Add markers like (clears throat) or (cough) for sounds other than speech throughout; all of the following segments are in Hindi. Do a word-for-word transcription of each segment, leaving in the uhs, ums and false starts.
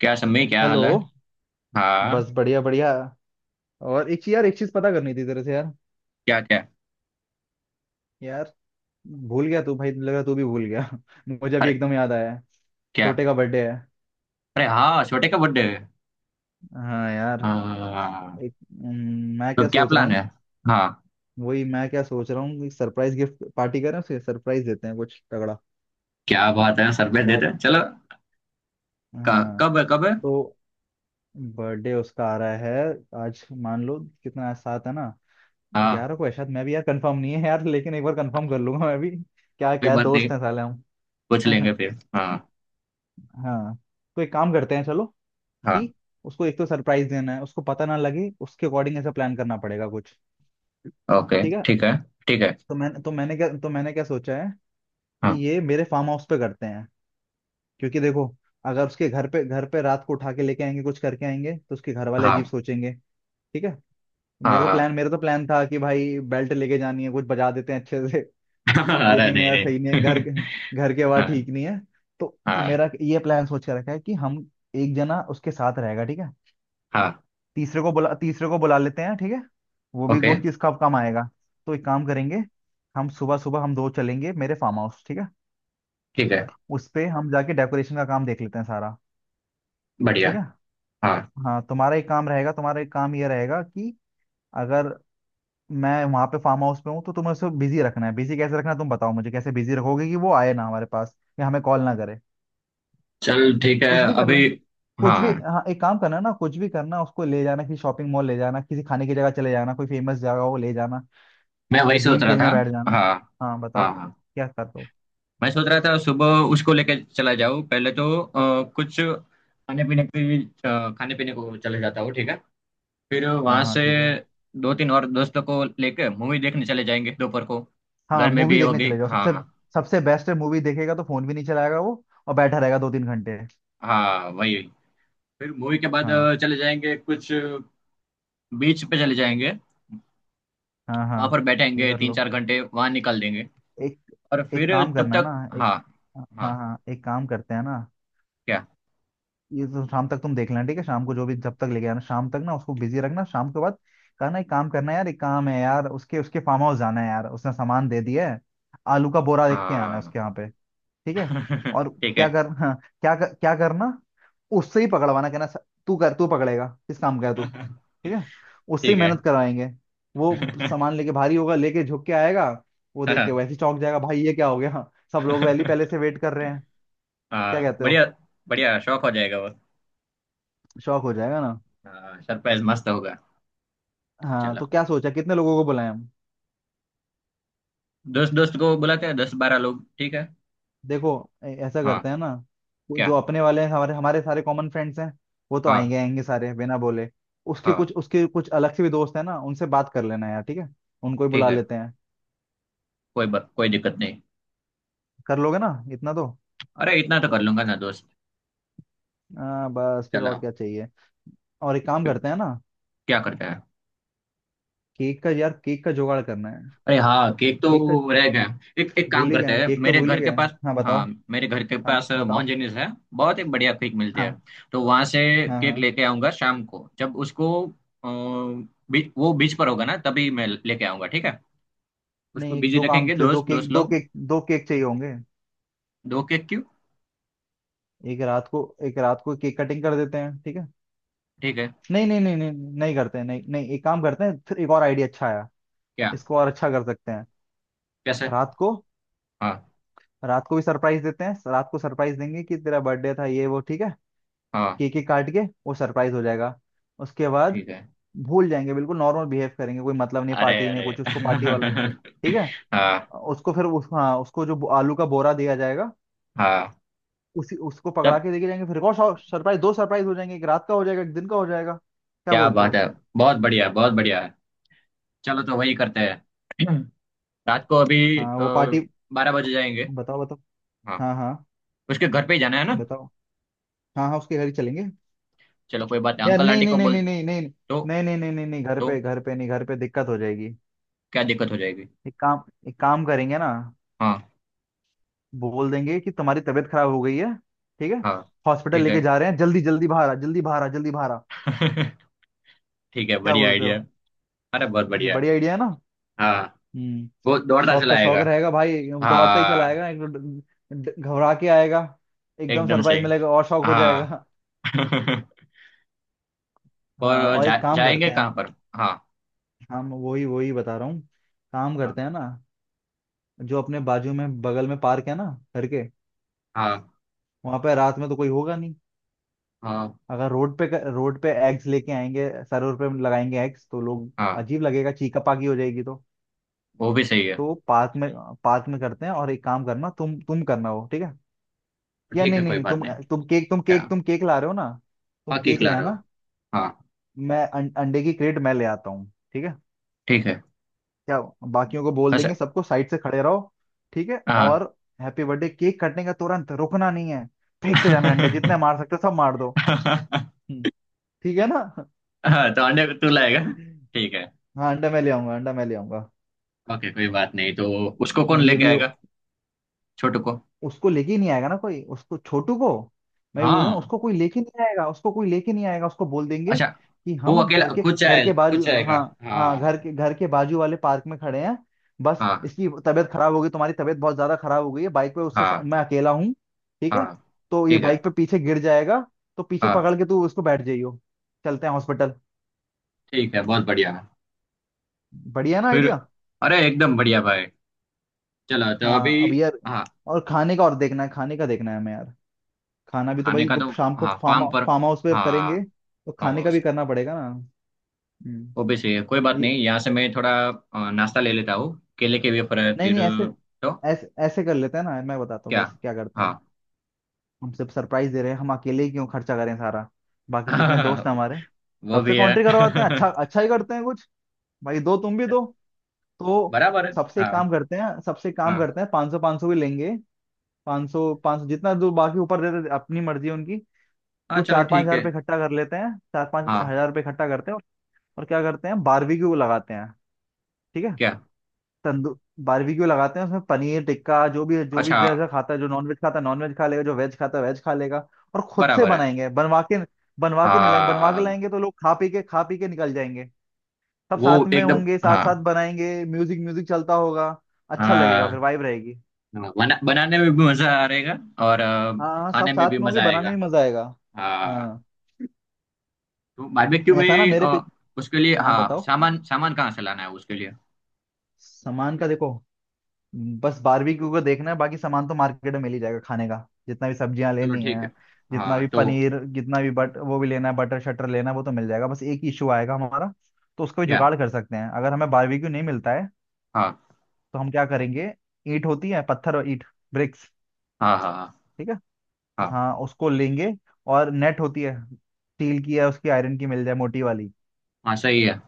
क्या सम्मी, क्या हेलो। हाल है। बस हाँ। बढ़िया बढ़िया। और एक चीज यार, एक चीज पता करनी थी तेरे से यार। क्या क्या। यार भूल गया, तू भाई लग रहा तू भी भूल गया (laughs) मुझे अभी अरे एकदम याद आया है, क्या। छोटे का बर्थडे है। अरे हाँ, छोटे का बर्थडे है। हाँ यार। हाँ एक हम्म, मैं तो क्या क्या सोच रहा प्लान हूँ। है। हाँ वही मैं क्या सोच रहा हूँ, सरप्राइज गिफ्ट पार्टी करें, उसे सरप्राइज देते हैं कुछ तगड़ा क्या बात है, सरप्राइज यार। देते हैं, चलो। क- हाँ कब है, कब है। तो बर्थडे उसका आ रहा है। आज मान लो कितना, आज सात है ना। हाँ। ग्यारह को है शायद, मैं भी यार कंफर्म नहीं है यार, लेकिन एक बार कंफर्म कर लूंगा मैं भी। क्या कोई क्या बात नहीं, दोस्त हैं साले। हम पूछ लेंगे फिर। (laughs) हाँ। हाँ तो एक काम करते हैं चलो हाँ। कि उसको एक तो सरप्राइज देना है, उसको पता ना लगे, उसके अकॉर्डिंग ऐसा प्लान करना पड़ेगा कुछ। ओके, ठीक है। ठीक है। ठीक है। तो मैंने तो मैंने क्या तो मैंने क्या सोचा है कि हाँ। ये मेरे फार्म हाउस पे करते हैं। क्योंकि देखो, अगर उसके घर पे घर पे रात को उठा के लेके आएंगे कुछ करके आएंगे तो उसके घर वाले अजीब हाँ। सोचेंगे। ठीक है। मेरा हाँ। तो हाँ। प्लान मेरा तो प्लान था कि भाई बेल्ट लेके जानी है, कुछ बजा देते हैं अच्छे से (laughs) (laughs) अरे लेकिन नहीं यार सही नहीं है घर, नहीं घर की (laughs) आवाज हाँ। ठीक नहीं है। तो तो हाँ। मेरा ये प्लान सोच के रखा है कि हम एक जना उसके साथ रहेगा ठीक है। हाँ। तीसरे को बुला तीसरे को बुला लेते हैं ठीक है। वो भी ओके वो किसका काम आएगा। तो एक काम करेंगे, हम सुबह सुबह, हम दो चलेंगे मेरे फार्म हाउस, ठीक है। ठीक है। उस पे हम जाके डेकोरेशन का काम देख लेते हैं सारा। ठीक बढ़िया। है। हाँ। हाँ तुम्हारा एक काम रहेगा तुम्हारा एक काम ये रहेगा कि अगर मैं वहां पे फार्म हाउस पे हूँ तो तुम्हें उसको बिजी रखना है। बिजी कैसे रखना है तुम बताओ, मुझे कैसे बिजी रखोगे कि वो आए ना हमारे पास या हमें कॉल ना करे। चल ठीक है। कुछ भी कर ले। अभी। कुछ भी, हाँ, हाँ एक काम करना ना, कुछ भी करना, उसको ले जाना किसी शॉपिंग मॉल ले जाना, किसी खाने की जगह चले जाना, कोई फेमस जगह हो ले जाना, मैं वही या सोच गेम रहा था। खेलने बैठ जाना। हाँ। हाँ बताओ हाँ। हाँ। क्या करते हो। मैं सोच रहा था सुबह उसको लेके चला जाऊँ, पहले तो अ, कुछ खाने पीने की। अ, खाने पीने को चले जाता हूँ, ठीक है। फिर हाँ वहां हाँ से ठीक है। दो तीन और दोस्तों को लेके मूवी देखने चले जाएंगे दोपहर को। हाँ घर में मूवी भी देखने होगी। चले जाओ हाँ सबसे। हाँ। सबसे बेस्ट है, मूवी देखेगा तो फोन भी नहीं चलाएगा वो और बैठा रहेगा दो तीन घंटे। हाँ, वही। फिर मूवी के बाद हाँ अ, चले जाएंगे कुछ। बीच पे चले जाएंगे। हाँ हाँ वहां पर ये बैठेंगे, कर तीन लो। चार घंटे वहां निकाल देंगे। एक और एक फिर। काम तब करना तक। ना। एक, हाँ। हाँ। हाँ हाँ एक काम करते हैं ना। क्या। ये तो शाम तक तुम देख लेना ठीक है, शाम को जो भी जब तक लेके आना, शाम तक ना उसको बिजी रखना। शाम के बाद कहना एक काम करना है यार, एक काम है यार, उसके उसके फार्म हाउस जाना है यार, उसने सामान दे दिया है, आलू का बोरा देख के आना है हाँ। उसके यहाँ पे। ठीक है। (laughs) और ठीक क्या है। कर हाँ क्या कर, क्या करना, उससे ही पकड़वाना। कहना "स- तू कर, तू पकड़ेगा, किस काम का है तू"। (laughs) ठीक है, उससे ठीक ही है। मेहनत करवाएंगे। वो सामान (laughs) लेके भारी होगा, लेके झुक के आएगा। वो देख के हाँ। वैसे ही चौंक जाएगा, भाई ये क्या हो गया (laughs) सब लोग वैली पहले से वेट कर रहे (laughs) हैं। क्या हाँ, कहते बढ़िया। हो। बढ़िया, शौक हो जाएगा वो। शौक हो चला। जाएगा ना। हाँ, सरप्राइज मस्त होगा। हाँ चला। तो क्या सोचा, कितने लोगों को बुलाएं हम। दोस्त दोस्त को बुलाते हैं, दस बारह लोग, ठीक है। देखो, ऐ- ऐसा हाँ। करते हैं ना, वो क्या। जो अपने वाले हैं, हमारे हमारे सारे कॉमन फ्रेंड्स हैं, वो तो आएंगे, हाँ। आएंगे सारे बिना बोले। उसके हाँ कुछ उसके कुछ अलग से भी दोस्त हैं ना, उनसे बात कर लेना यार, ठीक है, उनको ही ठीक बुला है। लेते हैं। कोई ब, कोई दिक्कत नहीं। कर लोगे ना इतना तो। अरे इतना तो कर लूंगा ना दोस्त। आ, बस फिर चला। और क्या चाहिए। और एक काम करते हैं ना, क्या करता है। केक का यार, केक का जुगाड़ करना है। अरे हाँ, केक केक का, तो रह गया। एक एक काम भूल ही करते गए, हैं, केक तो मेरे भूल ही घर के गए। पास। हाँ बताओ। हाँ, मेरे घर के हाँ पास बताओ। मोहनजनीस है, बहुत ही बढ़िया केक मिलते हैं। हाँ तो वहां से हाँ केक हाँ। लेके आऊंगा शाम को, जब उसको अ, बी, वो बीच पर होगा ना तभी मैं लेके आऊंगा, ठीक है। उसको नहीं एक बिजी दो काम, रखेंगे फिर दो दोस्त केक, दोस्त दो लोग। केक, दो केक चाहिए होंगे। दो केक क्यों। एक रात को, एक रात को केक कटिंग कर देते हैं ठीक है। ठीक है। नहीं नहीं नहीं नहीं नहीं नहीं करते हैं, नहीं नहीं एक काम करते हैं, फिर एक और आइडिया अच्छा आया। क्या। इसको और अच्छा कर सकते हैं। कैसे। रात को, हाँ। रात को भी सरप्राइज देते हैं। रात को सरप्राइज देंगे कि तेरा बर्थडे था ये वो, ठीक है। हाँ केक ही काट के वो सरप्राइज हो जाएगा। उसके बाद ठीक है। भूल जाएंगे, बिल्कुल नॉर्मल बिहेव करेंगे, कोई मतलब नहीं अरे पार्टी नहीं अरे। कुछ उसको पार्टी वाला। ठीक है। (laughs) हाँ। उसको फिर उस हाँ, उसको जो आलू का बोरा दिया जाएगा, हाँ। उसी उसको पकड़ा तब। के लेके जाएंगे। फिर एक और सरप्राइज, दो सरप्राइज हो जाएंगे, एक रात का हो जाएगा, एक दिन का हो जाएगा। क्या क्या बोलते बात हो। है, बहुत बढ़िया, बहुत बढ़िया है। चलो तो वही करते हैं। (clears throat) रात को अभी हाँ वो पार्टी। बारह बजे जाएंगे। बताओ बताओ। हाँ। हाँ हाँ उसके घर पे ही जाना है ना। बताओ। हाँ हाँ उसके घर ही चलेंगे। चलो कोई बात नहीं, यार अंकल नहीं आंटी नहीं को नहीं बोल। नहीं नहीं नहीं तो। नहीं नहीं नहीं नहीं नहीं, घर तो पे, घर पे नहीं, घर पे दिक्कत हो जाएगी। क्या दिक्कत हो जाएगी। एक काम, एक काम करेंगे ना, हाँ। बोल देंगे कि तुम्हारी तबीयत खराब हो गई है। ठीक है। हाँ। हॉस्पिटल ठीक है। लेके जा रहे हैं, जल्दी जल्दी बाहर आ, जल्दी बाहर आ, जल्दी बाहर आ। (laughs) ठीक है, क्या बढ़िया बोलते आइडिया। हो। अरे बहुत ये बढ़िया है। बढ़िया आइडिया है ना। हाँ। हम्म। वो दौड़ता शौक चला का शौक आएगा। रहेगा भाई। दौड़ता ही चला हाँ आएगा, एक तो ड- ड- घबरा के आएगा। एकदम एकदम सरप्राइज सही। मिलेगा और शौक हो हाँ। जाएगा। (laughs) हाँ और और जा, एक काम जाएंगे करते हैं, कहाँ पर। हाँ। हम वही वही बता रहा हूँ, काम हाँ। करते हैं ना। जो अपने बाजू में, बगल में पार्क है ना, घर के। हाँ। वहां पे रात में तो कोई होगा नहीं। हाँ। अगर रोड पे, रोड पे एग्स लेके आएंगे, सरोवर पे लगाएंगे एग्स तो लोग, हाँ, अजीब लगेगा, चीका पाकी हो जाएगी तो। वो भी सही है। तो पार्क में, पार्क में करते हैं। और एक काम करना तुम तुम करना वो, ठीक है। या ठीक नहीं है, कोई नहीं बात तुम, नहीं। तुम केक तुम क्या। केक तुम केक ला रहे हो ना, तुम बाकी केक खिला ले रहे हो। आना। हाँ। मैं अं, अंडे की क्रेट मैं ले आता हूँ ठीक है। ठीक है। क्या, बाकियों को बोल देंगे अच्छा। सबको साइड से खड़े रहो। ठीक है हाँ। और हैप्पी बर्थडे केक कटने का तुरंत, रुकना नहीं है, फेंकते जाना है अंडे, (laughs) जितने मार सकते हो सब मार दो। हम्म, ठीक है ना। हाँ तो अंडे तू लाएगा, ठीक है। हाँ अंडा मैं ले आऊंगा, अंडा मैं ले आऊंगा। ओके, कोई बात नहीं। तो उसको कौन ये लेके भी हो- आएगा, छोटू को। उसको लेके ही नहीं आएगा ना कोई, उसको छोटू को, मैं बोल रहा हूँ हाँ। उसको कोई लेके नहीं आएगा, उसको कोई लेके नहीं आएगा। उसको बोल देंगे अच्छा। कि वो हम अकेला घर के, खुद घर जाए, के खुद बाजू, जाएगा। हाँ हाँ, हाँ। घर के घर के बाजू वाले पार्क में खड़े हैं, बस हाँ। इसकी तबीयत खराब हो गई, तुम्हारी तबीयत बहुत ज्यादा खराब हो गई है। बाइक पे उससे सा- हाँ। मैं अकेला हूँ ठीक है। हाँ तो ये ठीक है। बाइक पे पीछे गिर जाएगा, तो पीछे हाँ। पकड़ के तू उसको बैठ जाइयो, चलते हैं हॉस्पिटल। ठीक है, बहुत बढ़िया। बढ़िया ना फिर। आइडिया। अरे एकदम बढ़िया भाई। चलो तो अभी। हाँ अब यार हाँ। और खाने का, और देखना है खाने का, देखना है हमें यार। खाना भी तो खाने भाई, का तो। जब शाम को हाँ फार्म, फार्म पर। फार्म हाउस पे हाँ। करेंगे तो फार्म खाने का भी हाउस। करना पड़ेगा ना। हम्म। वो भी सही है, कोई बात ये नहीं। यहाँ से मैं थोड़ा अ, नाश्ता ले लेता हूँ, केले के वेफर है, नहीं फिर। नहीं, ऐसे तो। ऐसे ऐसे कर लेते हैं ना, मैं बताता हूँ क्या। कैसे क्या करते हाँ। हैं। हम सिर्फ सरप्राइज दे रहे हैं, हम अकेले ही क्यों खर्चा करें सारा, बाकी जितने दोस्त हैं (laughs) हमारे, वो सबसे भी कॉन्ट्री है। करवाते हैं, अच्छा अच्छा ही करते हैं कुछ, भाई दो तुम भी दो। तो बराबर है। सबसे हाँ। एक काम करते हैं, सबसे एक काम हाँ। करते हैं, पाँच सौ पाँच सौ भी लेंगे। पाँच सौ पाँच सौ, जितना जो बाकी ऊपर दे रहे अपनी मर्जी है उनकी। हाँ कुछ चलो चार पांच ठीक हजार है। रुपये इकट्ठा कर लेते हैं, चार पांच हाँ। हजार रुपये इकट्ठा करते हैं और और क्या करते हैं, बारबेक्यू लगाते हैं, ठीक है। क्या। तंदू बारबेक्यू लगाते हैं उसमें पनीर टिक्का, जो भी जो भी अच्छा। जैसा खाता है, जो नॉनवेज खाता है नॉनवेज खा लेगा, जो वेज खाता है वेज खा लेगा। और खुद से बराबर है। बनाएंगे, बनवा के, बनवा के नहीं लाएंगे, बनवा के हाँ। लाएंगे तो लोग खा पी के खा पी के निकल जाएंगे। सब वो साथ में एकदम। होंगे, साथ हाँ। साथ बनाएंगे, म्यूजिक म्यूजिक चलता होगा, अच्छा लगेगा, फिर हाँ। वाइब रहेगी। हाँ, बना, बनाने में भी मजा आएगा। और अ, हाँ हाँ खाने सब में भी साथ में होंगे, मजा बनाने आएगा। में मजा आएगा। हाँ। हाँ तो बारबेक्यू ऐसा ना में मेरे पे। अ, उसके लिए, हाँ हाँ, बताओ। सामान सामान कहाँ से लाना है उसके लिए। सामान का देखो, बस बारबेक्यू को देखना है, बाकी सामान तो मार्केट में मिल ही जाएगा खाने का, जितना भी सब्जियां चलो लेनी ठीक है, है। जितना हाँ। भी तो पनीर, जितना भी बट वो भी लेना है, बटर शटर लेना है, वो तो मिल जाएगा, बस एक ही इशू आएगा हमारा। तो उसको भी क्या। जुगाड़ कर सकते हैं, अगर हमें बारबेक्यू नहीं मिलता है हाँ। तो हम क्या करेंगे, ईंट होती है, पत्थर और ईंट, ब्रिक्स, हाँ। हाँ। हाँ। ठीक है। हाँ। हाँ उसको लेंगे, और नेट होती है स्टील की या उसकी आयरन की, मिल जाए मोटी वाली। हाँ सही है।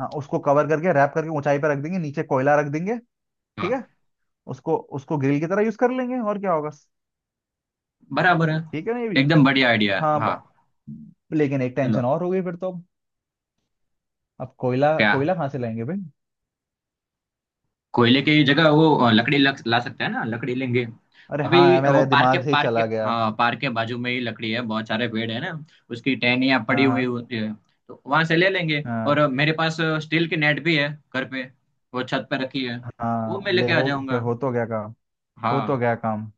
हाँ उसको कवर करके रैप करके ऊंचाई पर रख देंगे, नीचे कोयला रख देंगे, ठीक हाँ। है। उसको उसको ग्रिल की तरह यूज कर लेंगे, और क्या होगा। बराबर है। ठीक है ना ये भी। एकदम बढ़िया आइडिया है। हाँ हाँ। ब- लेकिन एक चलो। टेंशन और हो गई फिर तो, अब अब कोयला, क्या। कोयला कहाँ से लाएंगे भाई। कोयले की जगह वो अ, लकड़ी लग, ला सकते हैं ना, लकड़ी लेंगे। अरे अभी। हाँ यार, वो मेरे पार्क के दिमाग से ही पार्क के, चला गया। हाँ, पार्क के बाजू में ही लकड़ी है, बहुत सारे पेड़ है ना, उसकी टहनियाँ पड़ी हाँ हुई हाँ होती है। तो वहां से ले लेंगे। हाँ। और मेरे पास स्टील की नेट भी है, घर पे, वो छत पे रखी है। वो हाँ मैं ले लेके आ हो, फिर जाऊंगा। हो तो गया काम। हो तो हाँ। गया काम।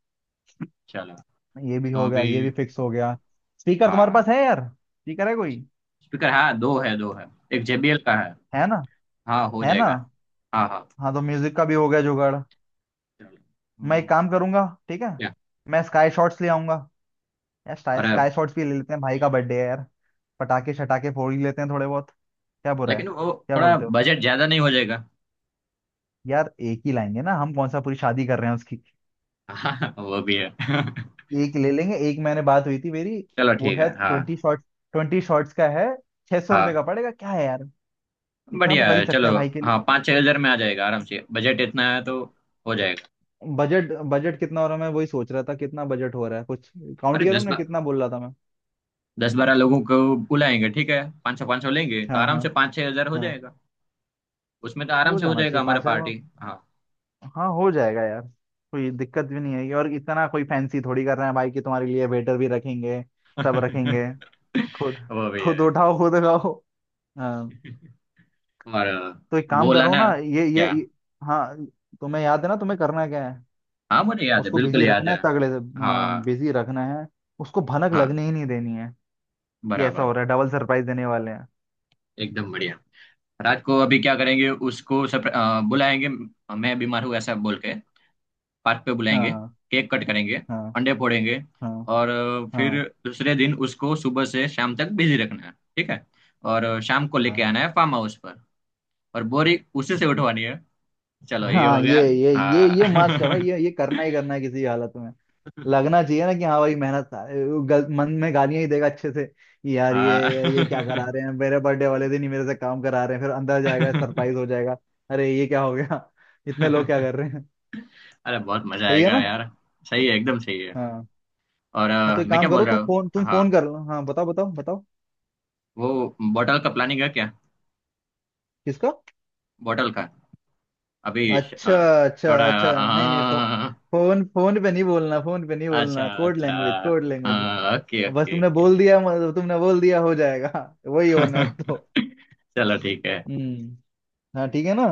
चलो ये भी तो हो गया, अभी। ये भी फिक्स हो गया। स्पीकर तुम्हारे पास हाँ। है यार, स्पीकर है कोई। स्पीकर हाँ, दो है दो है, एक जे बी एल का है। है ना। हाँ हो है ना। जाएगा। हाँ हाँ। हाँ तो म्यूजिक का भी हो गया जुगाड़। मैं चलो एक काम ओके। करूंगा, ठीक है, क्या। मैं स्काई शॉट्स ले आऊंगा। यार स्काई, अरे स्काई शॉट्स भी ले लेते हैं, भाई का बर्थडे है यार, पटाखे शटाखे फोड़ ही लेते हैं थोड़े बहुत, क्या बुरा है। लेकिन वो क्या थोड़ा बोलते हो। बजट ज्यादा नहीं हो जाएगा। यार एक ही लाएंगे ना हम, कौन सा पूरी शादी कर रहे हैं उसकी। (laughs) हाँ वो भी है। (laughs) एक ले लेंगे, एक मैंने बात हुई थी मेरी। चलो वो ठीक है। है हाँ। ट्वेंटी शॉर्ट्स, ट्वेंटी शॉर्ट्स का है, छह सौ रुपये हाँ का पड़ेगा क्या है यार, इतना तो बढ़िया कर ही है सकते चलो। हैं भाई के हाँ लिए। पाँच छह हजार में आ जाएगा आराम से, बजट इतना है तो हो जाएगा। बजट, बजट कितना हो रहा है मैं वही सोच रहा था, कितना बजट हो रहा है कुछ काउंट अरे किया दस तुमने, बा, कितना बोल रहा था मैं। दस बारह लोगों को बुलाएंगे, ठीक है, पाँच सौ पाँच सौ लेंगे तो हाँ आराम हाँ से पाँच छह हजार हो हाँ। जाएगा। उसमें तो आराम हो से हो जाना जाएगा चाहिए हमारा पाँच हजार में। पार्टी। हाँ। हाँ हो जाएगा यार। कोई दिक्कत भी नहीं आएगी, और इतना कोई फैंसी थोड़ी कर रहे हैं भाई कि तुम्हारे लिए वेटर भी रखेंगे, सब रखेंगे। (laughs) खुद, वो भी खुद है। उठाओ खुद खाओ। हाँ और तो एक वो काम कर वाला रहा हूँ ना। ना ये ये क्या। ये- हाँ तुम्हें याद है ना तुम्हें करना क्या है, हाँ मुझे याद है, उसको बिल्कुल बिजी याद रखना है। है तगड़े से। हाँ हाँ। बिजी रखना है, उसको भनक हाँ लगने ही नहीं देनी है कि ऐसा बराबर। हो रहा है, डबल सरप्राइज देने वाले हैं। एकदम बढ़िया। रात को अभी क्या करेंगे, उसको सप्र- अ, बुलाएंगे, मैं बीमार हूँ ऐसा बोल के, पार्क पे बुलाएंगे, हाँ केक कट करेंगे, हाँ अंडे फोड़ेंगे। हाँ और अ, फिर हाँ दूसरे दिन उसको सुबह से शाम तक बिजी रखना है, ठीक है। और अ, शाम को लेके हाँ आना है फार्म हाउस पर। और बोरी उसी से उठवानी है। चलो ये हो हाँ। ये गया। ये ये ये मस्त है भाई, हाँ। ये ये करना ही करना है किसी हालत में। (laughs) लगना चाहिए ना कि हाँ भाई मेहनत, गल, मन में गालियां ही देगा अच्छे से कि यार हाँ। ये ये क्या करा रहे हैं, मेरे बर्थडे वाले दिन ही मेरे से काम करा रहे हैं, फिर अंदर जाएगा (laughs) सरप्राइज हो जाएगा। अरे ये क्या हो गया (laughs) इतने लोग क्या कर रहे हैं। अरे बहुत मजा सही है आएगा ना। यार। सही है, एकदम सही है। हाँ और हाँ तो अ, एक मैं क्या काम बोल करो, रहा तुम हूँ। फोन, तुम हाँ। फोन कर लो, हाँ बताओ बताओ बताओ। वो बॉटल का प्लानिंग है क्या। किसका। बॉटल का। अभी श- अच्छा, अ, अच्छा थोड़ा। अच्छा नहीं नहीं फो, हाँ। फोन, फोन पे नहीं बोलना, फोन पे नहीं अच्छा बोलना, कोड अच्छा। Language code language. ओके बस ओके तुमने ओके। बोल दिया मतलब तुमने बोल दिया, हो जाएगा (laughs) वही होना है अब तो। (laughs) चलो ठीक है। हम्म। हाँ ठीक है ना।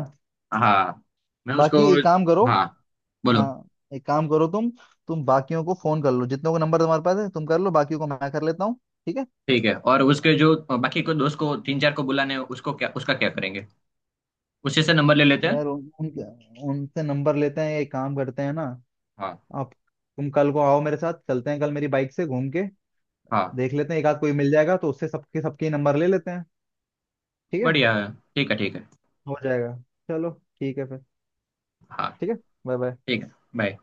हाँ। मैं उसको। बाकी एक काम करो। हाँ। बोलो। हाँ एक काम करो तुम तुम बाकियों को फोन कर लो जितनों को नंबर तुम्हारे पास है, तुम कर लो, बाकियों को मैं कर लेता हूँ, ठीक है। ठीक है। और उसके जो बाकी को दोस्त को तीन चार को बुलाने हैं, उसको क्या, उसका क्या करेंगे। उसी से नंबर ले लेते हैं। यार उन, उनके- उनसे नंबर लेते हैं, एक काम करते हैं ना, हाँ। आप, तुम कल को आओ, मेरे साथ चलते हैं कल, मेरी बाइक से घूम के हाँ देख लेते हैं, एक आध कोई मिल जाएगा तो उससे सबके, सबके नंबर ले लेते हैं। ठीक है। बढ़िया है, ठीक है ठीक है। हो जाएगा। चलो। ठीक है फिर। हाँ ठीक है। Bye bye. ठीक है। बाय।